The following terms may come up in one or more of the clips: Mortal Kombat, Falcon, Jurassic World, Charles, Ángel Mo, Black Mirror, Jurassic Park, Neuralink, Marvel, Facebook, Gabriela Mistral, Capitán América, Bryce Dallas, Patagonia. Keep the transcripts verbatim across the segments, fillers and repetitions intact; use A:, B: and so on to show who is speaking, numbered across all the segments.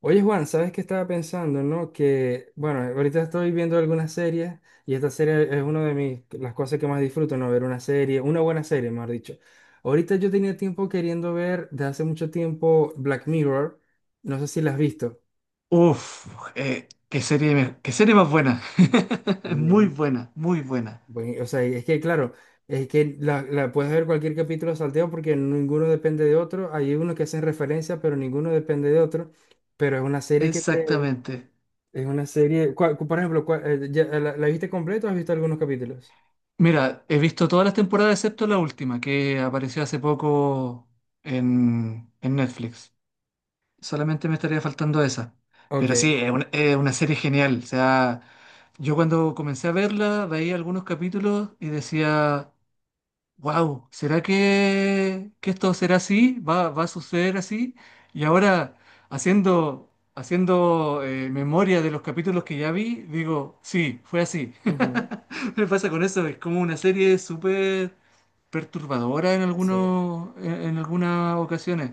A: Oye, Juan, ¿sabes qué estaba pensando, no? Que, bueno, ahorita estoy viendo algunas series y esta serie es una de mis, las cosas que más disfruto, ¿no? Ver una serie, una buena serie, mejor dicho. Ahorita yo tenía tiempo queriendo ver, de hace mucho tiempo, Black Mirror. No sé si la has visto.
B: Uf, eh, qué serie, me- qué serie más buena. Muy
A: Bien.
B: buena, muy buena.
A: Bueno, o sea, y es que, claro, es que la, la puedes ver cualquier capítulo salteado porque ninguno depende de otro. Hay unos que hacen referencia, pero ninguno depende de otro. Pero es una serie que te...
B: Exactamente.
A: Es una serie. ¿Cuál- por ejemplo, cuál- eh, ya- eh, la, la viste completa o has visto algunos capítulos?
B: Mira, he visto todas las temporadas excepto la última, que apareció hace poco en, en Netflix. Solamente me estaría faltando esa. Pero sí,
A: Ok.
B: es una, es una serie genial. O sea, yo cuando comencé a verla, veía algunos capítulos y decía, wow, ¿será que, que esto será así? ¿Va, va a suceder así? Y ahora, haciendo, haciendo eh, memoria de los capítulos que ya vi, digo, sí, fue así.
A: Ujú.
B: Me pasa con eso, es como una serie súper perturbadora en
A: Sí,
B: algunos, en, en algunas ocasiones.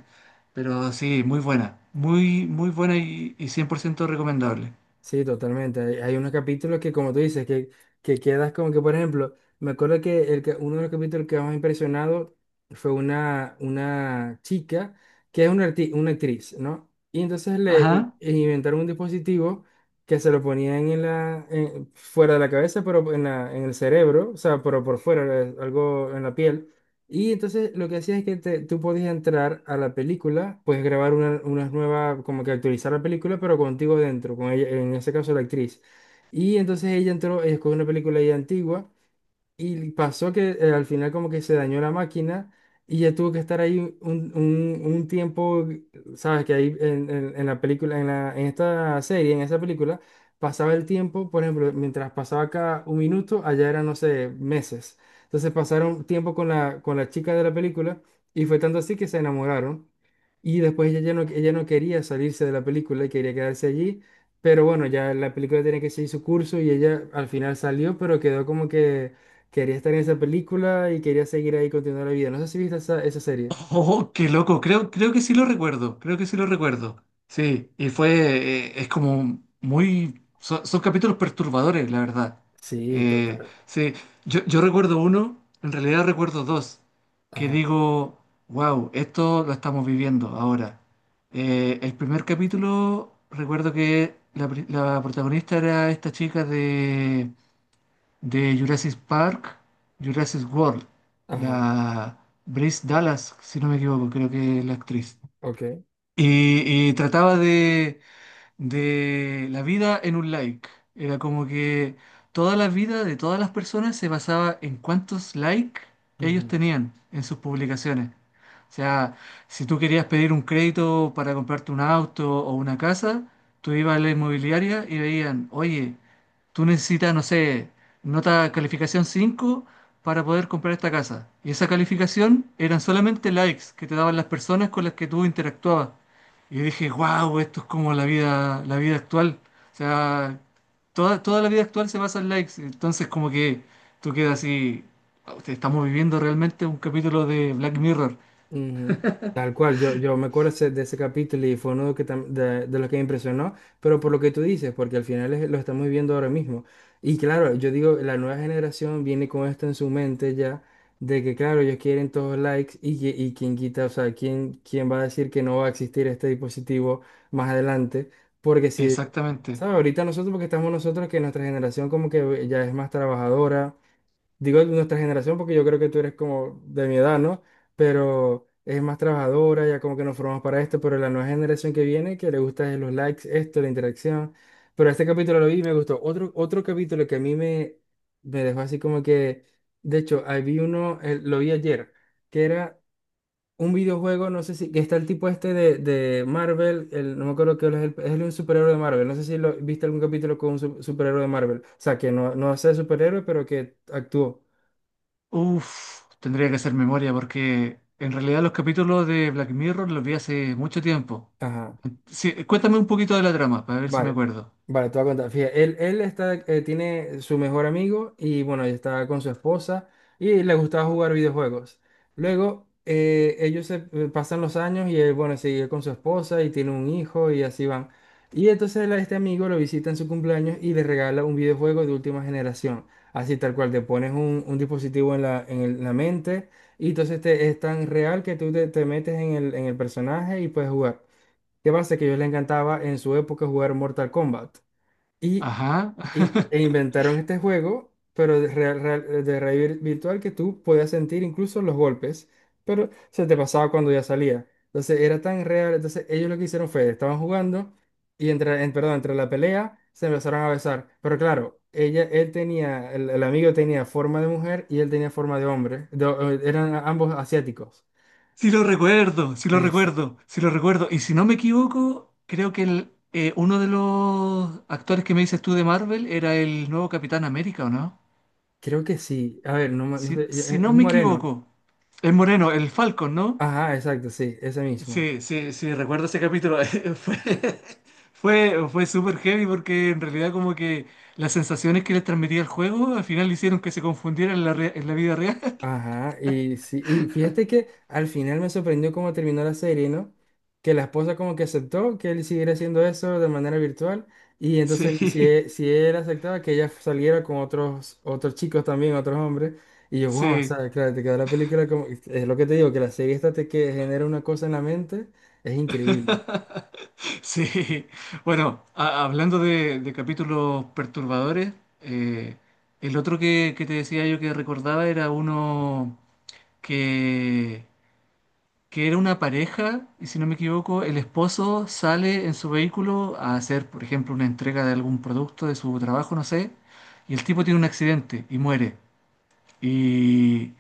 B: Pero sí, muy buena, muy, muy buena y, y cien por ciento recomendable.
A: sí, totalmente. Hay, hay unos capítulos que, como tú dices, que, que quedas como que, por ejemplo, me acuerdo que, el, que- uno de los capítulos que más me impresionado fue una, una chica que es una, arti- una actriz, ¿no? Y entonces le i-
B: Ajá.
A: inventaron un dispositivo que se lo ponían en la, en- fuera de la cabeza, pero en la, en el cerebro, o sea, pero por fuera, eh, algo en la piel. Y entonces lo que hacía es que te- tú podías entrar a la película, puedes grabar una, una nueva, como que actualizar la película, pero contigo dentro, con ella, en ese caso la actriz. Y entonces ella entró, escogió una película ya antigua y pasó que eh, al final como que se dañó la máquina y ya tuvo que estar ahí un, un- un tiempo, sabes que ahí en, en- en la película, en la, en esta serie, en esa película, pasaba el tiempo, por ejemplo, mientras pasaba acá un minuto, allá eran, no sé, meses. Entonces pasaron tiempo con la, con la chica de la película y fue tanto así que se enamoraron. Y después ella ya no, ella no quería salirse de la película y quería quedarse allí. Pero bueno, ya la película tenía que seguir su curso y ella al final salió, pero quedó como que quería estar en esa película y quería seguir ahí continuando la vida. No sé si viste esa, esa serie.
B: Oh, qué loco. Creo, creo que sí lo recuerdo. Creo que sí lo recuerdo. Sí, y fue, eh, es como muy, son, son capítulos perturbadores, la verdad.
A: Sí,
B: Eh,
A: total.
B: sí, yo, yo recuerdo uno, en realidad recuerdo dos, que
A: Ajá,
B: digo, wow, esto lo estamos viviendo ahora. Eh, el primer capítulo, recuerdo que la, pri- la protagonista era esta chica de, de Jurassic Park, Jurassic World,
A: ajá,
B: la Bryce Dallas, si no me equivoco, creo que es la actriz.
A: ok.
B: Y, y trataba de, de la vida en un like. Era como que toda la vida de todas las personas se basaba en cuántos likes ellos
A: Ujú.
B: tenían en sus publicaciones. O sea, si tú querías pedir un crédito para comprarte un auto o una casa, tú ibas a la inmobiliaria y veían, oye, tú necesitas, no sé, nota calificación cinco para poder comprar esta casa. Y esa calificación eran solamente likes que te daban las personas con las que tú interactuabas. Y yo dije, wow, esto es como la vida, la vida actual. O sea, toda, toda la vida actual se basa en likes. Entonces, como que tú quedas así. "Wow, Estamos viviendo realmente un capítulo de Black Mirror."
A: Ujú. Tal cual, yo, yo me acuerdo ese- de ese capítulo y fue uno que tam- de, de los que me impresionó, pero por lo que tú dices, porque al final es- lo estamos viviendo ahora mismo. Y claro, yo digo, la nueva generación viene con esto en su mente ya, de que claro, ellos quieren todos likes y, que- y quién quita, o sea, quién, quién va a decir que no va a existir este dispositivo más adelante, porque si...
B: Exactamente.
A: ¿sabes? Ahorita nosotros, porque estamos nosotros, que nuestra generación como que ya es más trabajadora, digo de nuestra generación porque yo creo que tú eres como de mi edad, ¿no? Pero es más trabajadora, ya como que nos formamos para esto, pero la nueva generación que viene, que le gusta es los likes, esto, la interacción. Pero este capítulo lo vi y me gustó. Otro, otro capítulo que a mí me, me dejó así como que... De hecho, ahí vi uno, eh, lo vi ayer, que era un videojuego, no sé si, que está el tipo este de, de Marvel, el, no me acuerdo qué es, el, es un superhéroe de Marvel, no sé si lo, viste algún capítulo con un su- superhéroe de Marvel, o sea, que no, no es superhéroe, pero que actuó.
B: Uf, tendría que hacer memoria porque en realidad los capítulos de Black Mirror los vi hace mucho tiempo.
A: Ajá,
B: Sí, cuéntame un poquito de la trama para ver si me
A: vale,
B: acuerdo.
A: vale, te voy a contar. Fíjate, él, él está, eh, tiene su mejor amigo y bueno, él está con su esposa y le gustaba jugar videojuegos. Luego, eh, ellos se eh, pasan los años y él, bueno, sigue con su esposa y tiene un hijo y así van. Y entonces la- este amigo lo visita en su cumpleaños y le regala un videojuego de última generación. Así tal cual, te pones un, un dispositivo en la, en el- la mente y entonces te, es tan real que tú te, te metes en el, en el personaje y puedes jugar. ¿Qué pasa? Que a ellos les encantaba en su época jugar Mortal Kombat. Y
B: Ajá.
A: y- e inventaron este juego, pero de, real- real- de realidad vir- virtual, que tú podías sentir incluso los golpes, pero se te pasaba cuando ya salía. Entonces era tan real. Entonces ellos lo que hicieron fue, estaban jugando y entre, en- perdón, entre la pelea se empezaron a besar. Pero claro, ella, él tenía, el, el amigo tenía forma de mujer y él tenía forma de hombre. Do- eran ambos asiáticos.
B: Sí lo recuerdo, sí lo
A: Es-
B: recuerdo, sí lo recuerdo. Y si no me equivoco, creo que el, eh, uno de los actores que me dices tú de Marvel era el nuevo Capitán América, ¿o no?
A: Creo que sí. A ver, no, me- no
B: Si,
A: sé, es
B: si no
A: es
B: me
A: moreno.
B: equivoco, el moreno, el Falcon, ¿no?
A: Ajá, exacto, sí, ese mismo.
B: Sí, sí, sí, recuerdo ese capítulo. Fue, fue, fue súper heavy porque en realidad como que las sensaciones que les transmitía el juego al final hicieron que se confundieran en la, re- en la vida real.
A: Ajá, y sí, y fíjate que al final me sorprendió cómo terminó la serie, ¿no? Que la esposa como que aceptó que él siguiera haciendo eso de manera virtual y entonces si,
B: Sí,
A: e- si él aceptaba que ella saliera con otros otros chicos también, otros hombres, y yo, wow, o
B: sí.
A: sea, claro, te quedó la película como, es lo que te digo, que la serie esta te que genera una cosa en la mente, es increíble.
B: Sí, bueno, a- hablando de, de capítulos perturbadores, eh, el otro que, que te decía yo que recordaba era uno que, que era una pareja, y si no me equivoco, el esposo sale en su vehículo a hacer, por ejemplo, una entrega de algún producto de su trabajo, no sé, y el tipo tiene un accidente y muere. Y,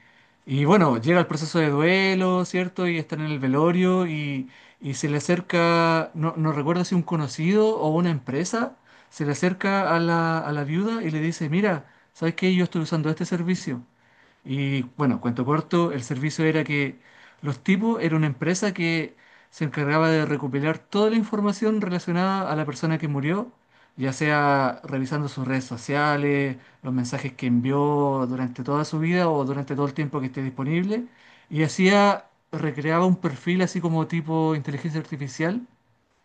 B: y bueno, llega el proceso de duelo, ¿cierto? Y están en el velorio y, y se le acerca, no, no recuerdo si un conocido o una empresa, se le acerca a la, a la viuda y le dice, mira, ¿sabes qué? Yo estoy usando este servicio. Y bueno, cuento corto, el servicio era que los tipos era una empresa que se encargaba de recopilar toda la información relacionada a la persona que murió, ya sea revisando sus redes sociales, los mensajes que envió durante toda su vida o durante todo el tiempo que esté disponible, y hacía, recreaba un perfil así como tipo inteligencia artificial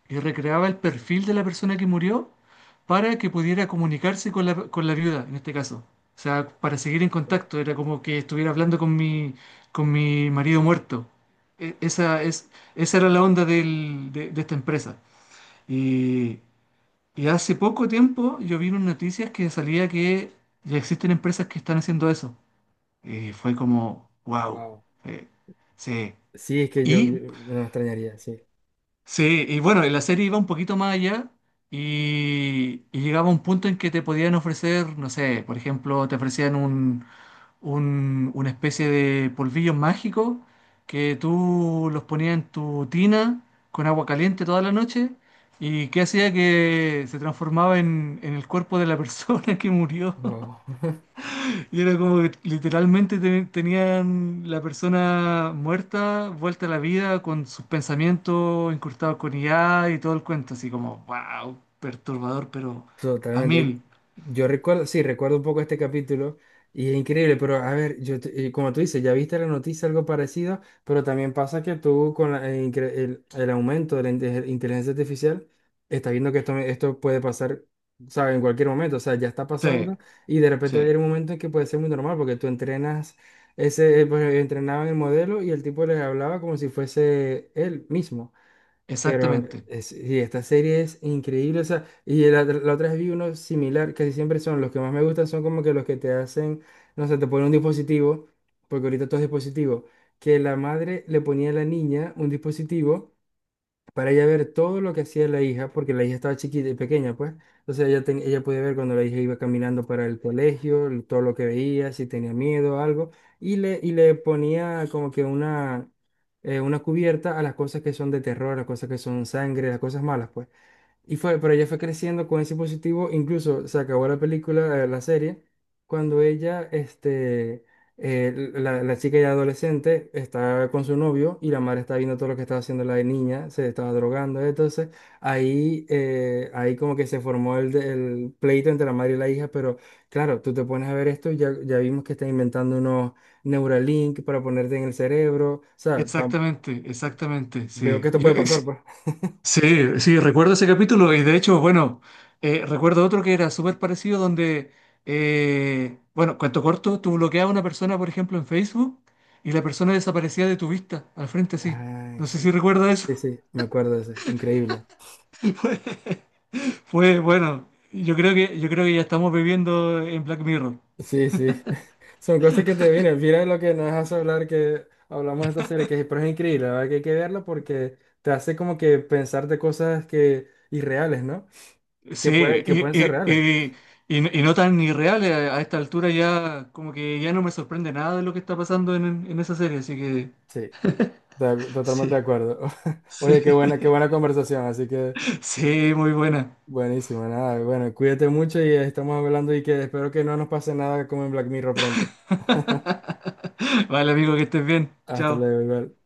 B: y recreaba el perfil de la persona que murió para que pudiera comunicarse con la, con la viuda, en este caso. O sea, para seguir en contacto, era como que estuviera hablando con mi, con mi marido muerto. E- esa, es, Esa era la onda del- de, de esta empresa. Y, y hace poco tiempo yo vi unas noticias que salía que ya existen empresas que están haciendo eso. Y fue como, wow.
A: Wow.
B: Sí.
A: Sí, es que yo, yo-
B: Y
A: no me extrañaría, sí.
B: sí, y bueno, y, la serie iba un poquito más allá y, y llegaba a un punto en que te podían ofrecer, no sé, por ejemplo, te ofrecían un, un- una especie de polvillos mágicos que tú los ponías en tu tina con agua caliente toda la noche y que hacía que se transformaba en, en el cuerpo de la persona que murió.
A: Wow.
B: Y era como que literalmente te- tenían la persona muerta, vuelta a la vida, con sus pensamientos incrustados con I A y todo el cuento, así como, wow, perturbador, pero a
A: Totalmente.
B: mil.
A: Yo recuerdo, sí, recuerdo un poco este capítulo y es increíble, pero a ver, yo, te- eh, como tú dices, ya viste la noticia, algo parecido, pero también pasa que tú con la- eh, incre- el, el aumento de la inte- inteligencia artificial, estás viendo que esto, esto puede pasar, ¿sabes? En cualquier momento, o sea, ya está
B: Sí,
A: pasando y de repente va a
B: sí,
A: llegar un momento en que puede ser muy normal porque tú entrenas, ese, eh, pues, entrenaban el modelo y el tipo les hablaba como si fuese él mismo. Pero
B: exactamente,
A: es- y esta serie es increíble, o sea, y la, la otra vez vi uno similar, casi siempre son los que más me gustan, son como que los que te hacen, no sé, te ponen un dispositivo, porque ahorita todo es dispositivo, que la madre le ponía a la niña un dispositivo para ella ver todo lo que hacía la hija, porque la hija estaba chiquita y pequeña, pues. Entonces ella, ten- ella podía ver cuando la hija iba caminando para el colegio, el- todo lo que veía, si tenía miedo o algo, y le, y le ponía como que una, eh, una cubierta a las cosas que son de terror, las cosas que son sangre, las cosas malas, pues. Y fue, pero ella fue creciendo con ese positivo, incluso se acabó la película, eh, la serie, cuando ella, este, eh, la, la chica ya adolescente está con su novio y la madre está viendo todo lo que estaba haciendo la niña, se estaba drogando, entonces ahí, eh, ahí como que se formó el, de- el pleito entre la madre y la hija, pero claro, tú te pones a ver esto y ya, ya vimos que están inventando unos Neuralink para ponerte en el cerebro, o sea, tam-
B: exactamente, exactamente,
A: veo que
B: sí.
A: esto
B: Yo-
A: puede pasar, pues.
B: Sí, sí, recuerdo ese capítulo y de hecho, bueno, eh, recuerdo otro que era súper parecido donde, eh, bueno, cuento corto, tú bloqueabas a una persona, por ejemplo, en Facebook y la persona desaparecía de tu vista, al frente sí.
A: Ay,
B: No sé si
A: sí.
B: recuerdas eso.
A: Sí, sí, me acuerdo de ese. Increíble.
B: Fue, fue, bueno, yo creo que, yo creo que ya estamos viviendo en Black Mirror.
A: Sí, sí. Son cosas que te vienen. Mira lo que nos hace hablar que hablamos de esta serie, que es, pero es increíble, la verdad que hay que verla porque te hace como que pensar de cosas que irreales, ¿no? Que
B: Sí,
A: puede, que
B: y,
A: pueden ser
B: y,
A: reales.
B: y, y- y no tan irreales a, a esta altura ya, como que ya no me sorprende nada de lo que está pasando en, en esa serie, así que
A: Sí, to- totalmente de
B: sí,
A: acuerdo.
B: sí.
A: Oye, qué buena, qué buena conversación, así que
B: Sí, muy buena.
A: buenísimo, nada. Bueno, cuídate mucho y estamos hablando y que espero que no nos pase nada como en Black Mirror pronto.
B: Vale, amigo, que estés bien.
A: Hasta
B: Chao.
A: luego, igual.